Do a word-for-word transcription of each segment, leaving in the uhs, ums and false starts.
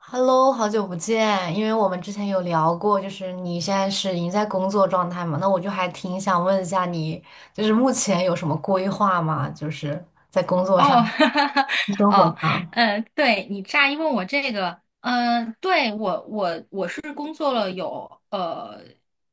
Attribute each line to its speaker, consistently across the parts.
Speaker 1: Hello，好久不见，因为我们之前有聊过，就是你现在是已经在工作状态嘛，那我就还挺想问一下你，就是目前有什么规划吗？就是在工作上、
Speaker 2: 哦，哈哈哈，
Speaker 1: 生活
Speaker 2: 哦，
Speaker 1: 上。
Speaker 2: 嗯，对你乍一问我这个，嗯，对我我我是工作了有呃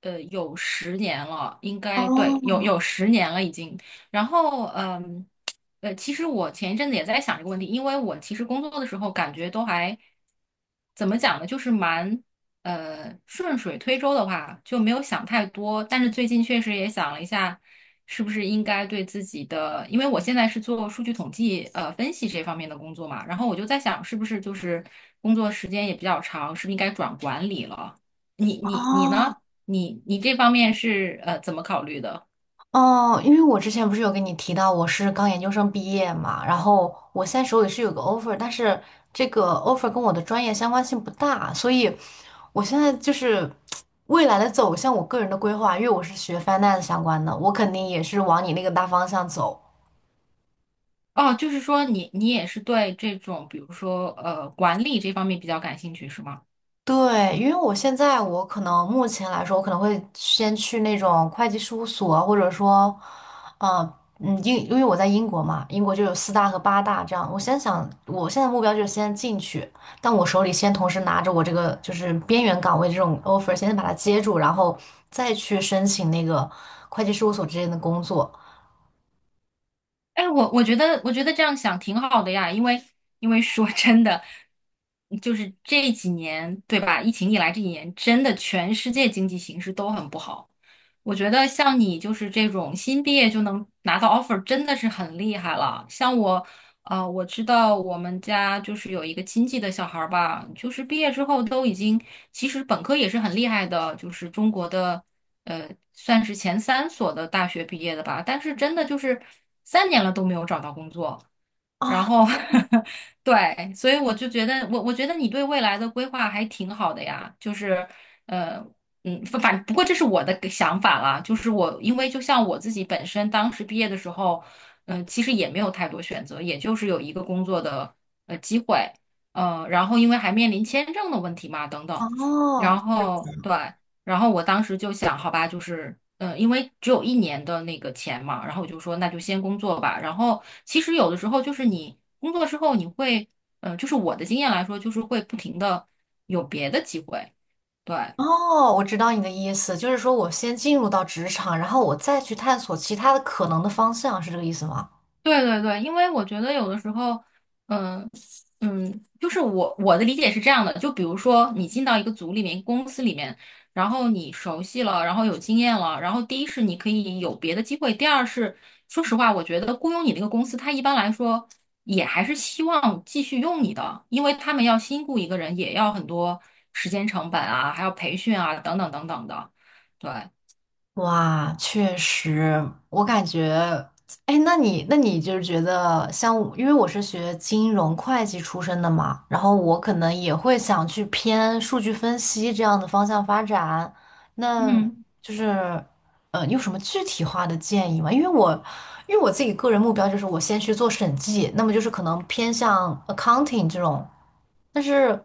Speaker 2: 呃有十年了，应该对，有
Speaker 1: 哦
Speaker 2: 有十年了已经。然后嗯呃，其实我前一阵子也在想这个问题，因为我其实工作的时候感觉都还怎么讲呢，就是蛮呃，顺水推舟的话就没有想太多，但是最近确实也想了一下，是不是应该对自己的，因为我现在是做数据统计、呃分析这方面的工作嘛，然后我就在想，是不是就是工作时间也比较长，是不是应该转管理了？你你你
Speaker 1: 哦，
Speaker 2: 呢？你你这方面是呃怎么考虑的？
Speaker 1: 哦，因为我之前不是有跟你提到我是刚研究生毕业嘛，然后我现在手里是有个 offer，但是这个 offer 跟我的专业相关性不大，所以我现在就是未来的走向，我个人的规划，因为我是学 finance 相关的，我肯定也是往你那个大方向走。
Speaker 2: 哦，就是说你你也是对这种，比如说呃管理这方面比较感兴趣是吗？
Speaker 1: 对，因为我现在我可能目前来说，我可能会先去那种会计事务所，或者说，呃，嗯，英，因为我在英国嘛，英国就有四大和八大这样。我先想，我现在目标就是先进去，但我手里先同时拿着我这个就是边缘岗位这种 offer，先把它接住，然后再去申请那个会计事务所之间的工作
Speaker 2: 哎，我我觉得，我觉得这样想挺好的呀，因为因为说真的，就是这几年，对吧？疫情以来这几年，真的全世界经济形势都很不好。我觉得像你就是这种新毕业就能拿到 offer,真的是很厉害了。像我，呃，我知道我们家就是有一个亲戚的小孩儿吧，就是毕业之后都已经，其实本科也是很厉害的，就是中国的。呃，算是前三所的大学毕业的吧，但是真的就是三年了都没有找到工作，然
Speaker 1: 啊。
Speaker 2: 后 对，所以我就觉得我我觉得你对未来的规划还挺好的呀，就是呃嗯，反反不过这是我的个想法啦，就是我因为就像我自己本身当时毕业的时候，嗯、其实也没有太多选择，也就是有一个工作的呃机会，呃，然后因为还面临签证的问题嘛，等等，
Speaker 1: 哦，
Speaker 2: 然后对。然后我当时就想，好吧，就是，嗯、因为只有一年的那个钱嘛，然后我就说，那就先工作吧。然后其实有的时候就是你工作之后，你会，嗯、就是我的经验来说，就是会不停的有别的机会，对。
Speaker 1: 哦，我知道你的意思，就是说我先进入到职场，然后我再去探索其他的可能的方向，是这个意思吗？
Speaker 2: 对对对，因为我觉得有的时候，嗯嗯，就是我我的理解是这样的，就比如说你进到一个组里面、公司里面，然后你熟悉了，然后有经验了，然后第一是你可以有别的机会，第二是说实话，我觉得雇佣你那个公司，它一般来说也还是希望继续用你的，因为他们要新雇一个人，也要很多时间成本啊，还要培训啊，等等等等的，对，
Speaker 1: 哇，确实，我感觉，哎，那你，那你就是觉得像我因为我是学金融会计出身的嘛，然后我可能也会想去偏数据分析这样的方向发展。那
Speaker 2: 嗯，
Speaker 1: 就是，呃，你有什么具体化的建议吗？因为我，因为我自己个人目标就是我先去做审计，那么就是可能偏向 accounting 这种。但是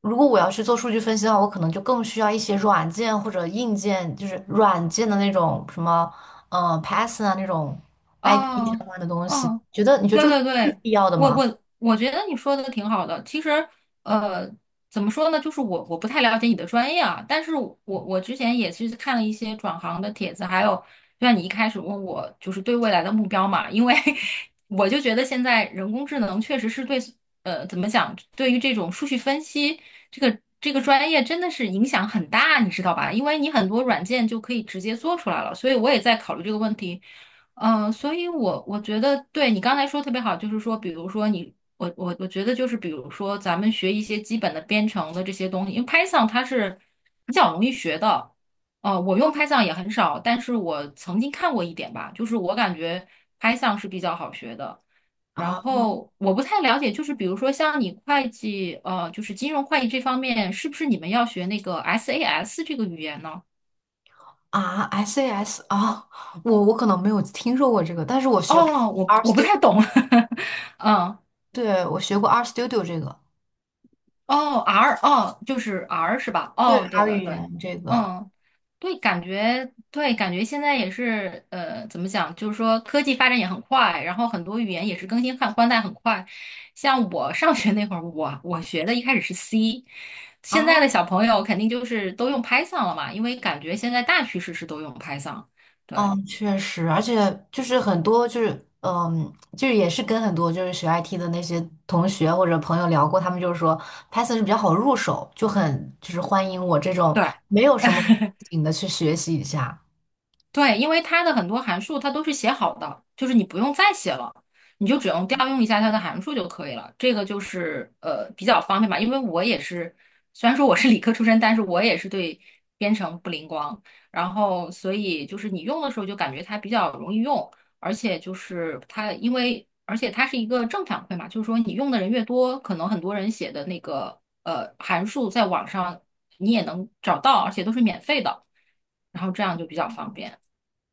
Speaker 1: 如果我要去做数据分析的话，我可能就更需要一些软件或者硬件，就是软件的那种什么，嗯、Python 啊那种 I T
Speaker 2: 哦。
Speaker 1: 相关的东西。
Speaker 2: 哦，
Speaker 1: 觉得你觉得
Speaker 2: 对
Speaker 1: 这个
Speaker 2: 对
Speaker 1: 是
Speaker 2: 对，
Speaker 1: 必要的
Speaker 2: 我
Speaker 1: 吗？
Speaker 2: 我我觉得你说的挺好的。其实，呃，怎么说呢，就是我我不太了解你的专业啊，但是我我之前也是看了一些转行的帖子，还有就像你一开始问我，就是对未来的目标嘛，因为 我就觉得现在人工智能确实是对，呃，怎么讲，对于这种数据分析这个这个专业真的是影响很大，你知道吧？因为你很多软件就可以直接做出来了，所以我也在考虑这个问题。嗯，所以我我觉得对你刚才说特别好，就是说，比如说你，我我我觉得就是，比如说咱们学一些基本的编程的这些东西，因为 Python 它是比较容易学的。呃，我用 Python 也很少，但是我曾经看过一点吧，就是我感觉 Python 是比较好学的。然
Speaker 1: 啊
Speaker 2: 后我不太了解，就是比如说像你会计，呃，就是金融会计这方面，是不是你们要学那个 S A S 这个语言呢？
Speaker 1: 啊，sas 啊，我我可能没有听说过这个，但是我学过
Speaker 2: 哦，我
Speaker 1: R
Speaker 2: 我不
Speaker 1: Studio，
Speaker 2: 太懂，嗯。
Speaker 1: 对，我学过 R Studio 这个，
Speaker 2: 哦，R 哦，就是 R 是吧？
Speaker 1: 对
Speaker 2: 哦，对
Speaker 1: R 语
Speaker 2: 对对，
Speaker 1: 言这个
Speaker 2: 嗯，对，感觉对，感觉现在也是呃，怎么讲？就是说科技发展也很快，然后很多语言也是更新换换代很快。像我上学那会儿，我我学的一开始是 C,现在
Speaker 1: 啊。
Speaker 2: 的小朋友肯定就是都用 Python 了嘛，因为感觉现在大趋势是都用 Python。对
Speaker 1: 嗯，确实，而且就是很多就是，嗯，就是也是跟很多就是学 I T 的那些同学或者朋友聊过，他们就是说 Python 是比较好入手，就很就是欢迎我这种
Speaker 2: 对，
Speaker 1: 没有什么背 景的去学习一下。
Speaker 2: 对，因为它的很多函数它都是写好的，就是你不用再写了，你就只用调用一下它的函数就可以了。这个就是呃比较方便吧，因为我也是，虽然说我是理科出身，但是我也是对编程不灵光，然后所以就是你用的时候就感觉它比较容易用，而且就是它因为而且它是一个正反馈嘛，就是说你用的人越多，可能很多人写的那个呃函数在网上你也能找到，而且都是免费的，然后这样就比较方便。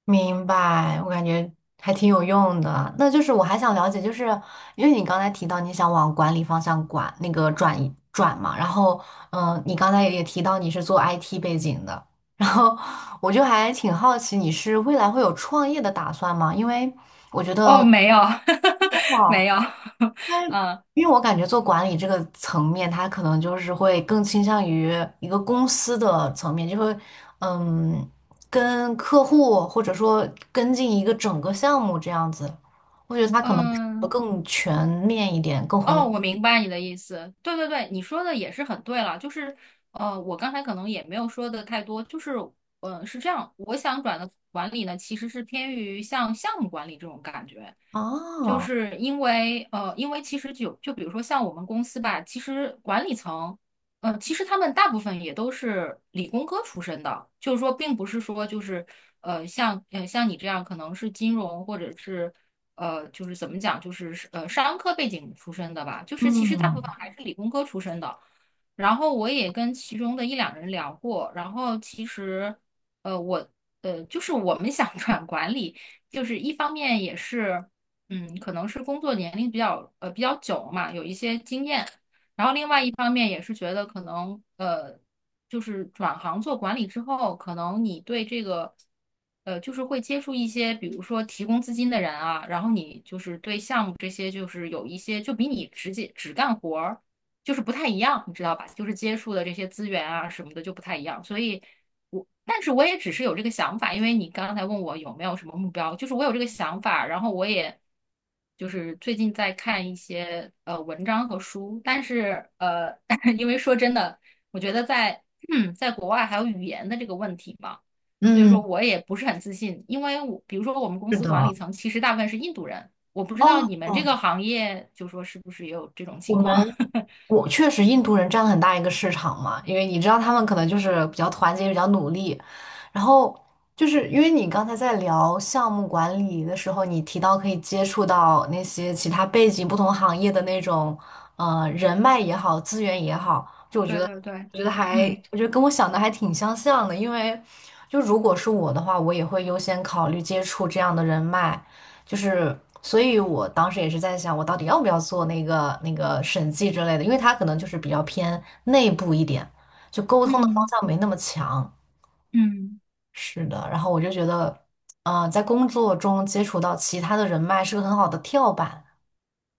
Speaker 1: 明白，我感觉还挺有用的。那就是我还想了解，就是因为你刚才提到你想往管理方向管，那个转移转嘛，然后嗯、呃你刚才也提到你是做 I T 背景的，然后我就还挺好奇你是未来会有创业的打算吗？因为我觉
Speaker 2: 哦，
Speaker 1: 得
Speaker 2: 没有，没有，嗯
Speaker 1: 因为我感觉做管理这个层面，他可能就是会更倾向于一个公司的层面，就会嗯，跟客户或者说跟进一个整个项目这样子。我觉得他可能
Speaker 2: 嗯，
Speaker 1: 更全面一点，更宏
Speaker 2: 哦，
Speaker 1: 观
Speaker 2: 我明白你的意思。对对对，你说的也是很对了。就是，呃，我刚才可能也没有说的太多。就是，呃，是这样，我想转的管理呢，其实是偏于像项目管理这种感觉。就
Speaker 1: 啊，
Speaker 2: 是因为，呃，因为其实就就比如说像我们公司吧，其实管理层，呃，其实他们大部分也都是理工科出身的，就是说，并不是说就是，呃，像呃像你这样可能是金融或者是。呃，就是怎么讲，就是呃商科背景出身的吧，就是其实大
Speaker 1: 嗯
Speaker 2: 部分还是理工科出身的。然后我也跟其中的一两人聊过，然后其实呃我呃就是我们想 转管理，就是一方面也是嗯可能是工作年龄比较呃比较久嘛，有一些经验，然后另外一方面也是觉得可能呃。就是转行做管理之后，可能你对这个，呃，就是会接触一些，比如说提供资金的人啊，然后你就是对项目这些，就是有一些就比你直接只干活儿，就是不太一样，你知道吧？就是接触的这些资源啊什么的就不太一样，所以我，但是我也只是有这个想法，因为你刚才问我有没有什么目标，就是我有这个想法，然后我也。就是最近在看一些呃文章和书，但是呃，因为说真的。我觉得在 在国外还有语言的这个问题嘛，所以说
Speaker 1: 嗯，
Speaker 2: 我也不是很自信，因为我比如说我们公
Speaker 1: 是
Speaker 2: 司管理
Speaker 1: 的，
Speaker 2: 层其实大部分是印度人，我不知道
Speaker 1: 哦，
Speaker 2: 你们这个行业就说是不是也有这种
Speaker 1: 我
Speaker 2: 情
Speaker 1: 们。
Speaker 2: 况。
Speaker 1: 我确实，印度人占了很大一个市场嘛，因为你知道他们可能就是比较团结、比较努力。然后就是因为你刚才在聊项目管理的时候，你提到可以接触到那些其他背景、不同行业的那种呃人脉也好、资源也好，就我觉
Speaker 2: 对
Speaker 1: 得，
Speaker 2: 对对，
Speaker 1: 我觉得还，
Speaker 2: 嗯
Speaker 1: 我觉得跟我想的还挺相像的。因为就如果是我的话，我也会优先考虑接触这样的人脉，就是，所以我当时也是在想，我到底要不要做那个那个审计之类的，因为他可能就是比较偏内部一点，就沟通的方
Speaker 2: 嗯
Speaker 1: 向没那么强。
Speaker 2: 嗯。
Speaker 1: 是的，然后我就觉得，嗯、在工作中接触到其他的人脉是个很好的跳板。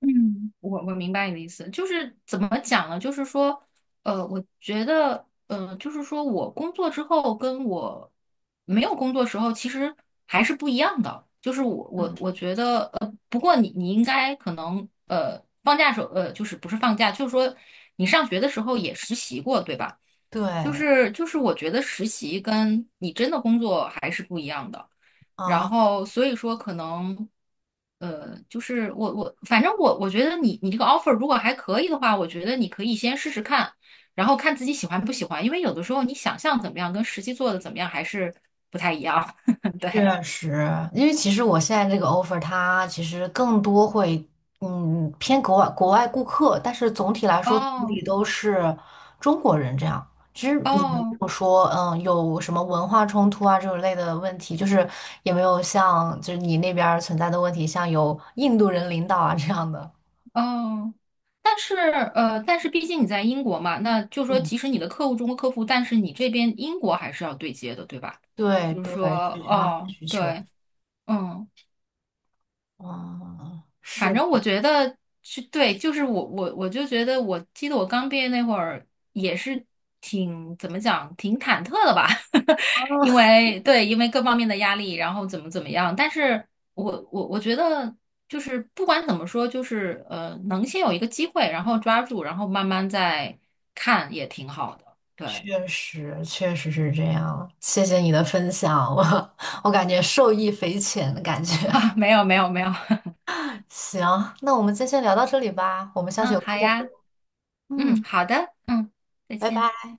Speaker 2: 嗯，我我明白你的意思，就是怎么讲呢？就是说，呃，我觉得，呃，就是说我工作之后跟我没有工作时候其实还是不一样的。就是我我
Speaker 1: 嗯，
Speaker 2: 我觉得，呃，不过你你应该可能，呃，放假时候，呃，就是不是放假，就是说你上学的时候也实习过，对吧？就
Speaker 1: 对
Speaker 2: 是就是，我觉得实习跟你真的工作还是不一样的。然
Speaker 1: 啊，
Speaker 2: 后所以说可能，呃，就是我我反正我我觉得你你这个 offer 如果还可以的话，我觉得你可以先试试看，然后看自己喜欢不喜欢，因为有的时候你想象怎么样跟实际做的怎么样还是不太一样。对，
Speaker 1: 确实，因为其实我现在这个 offer 它其实更多会，嗯，偏国外国外顾客，但是总体来说总体
Speaker 2: 哦
Speaker 1: 都是中国人这样。其实也没
Speaker 2: 哦
Speaker 1: 有说，嗯，有什么文化冲突啊这种类的问题，就是也没有像就是你那边儿存在的问题，像有印度人领导啊这样的。
Speaker 2: 哦，但是呃，但是毕竟你在英国嘛，那就是说
Speaker 1: 嗯，
Speaker 2: 即使你的客户中国客户，但是你这边英国还是要对接的，对吧？
Speaker 1: 对
Speaker 2: 就是
Speaker 1: 对，
Speaker 2: 说，
Speaker 1: 是这方面的
Speaker 2: 哦，
Speaker 1: 需求。
Speaker 2: 对，嗯。
Speaker 1: 嗯，
Speaker 2: 反
Speaker 1: 是的。
Speaker 2: 正我觉得是对，就是我我我就觉得，我记得我刚毕业那会儿也是挺怎么讲，挺忐忑的吧，因为对，因为各方面的压力，然后怎么怎么样。但是我我我觉得就是不管怎么说，就是呃，能先有一个机会，然后抓住，然后慢慢再看也挺好的。对
Speaker 1: 确实，确实是这样。谢谢你的分享，我我感觉受益匪浅的感觉。
Speaker 2: 啊，没有没有没有，
Speaker 1: 行，那我们今天先聊到这里吧，我们 下次
Speaker 2: 嗯，
Speaker 1: 有
Speaker 2: 好
Speaker 1: 空再聊。
Speaker 2: 呀，
Speaker 1: 嗯，
Speaker 2: 嗯，好的，嗯，再
Speaker 1: 拜
Speaker 2: 见。
Speaker 1: 拜。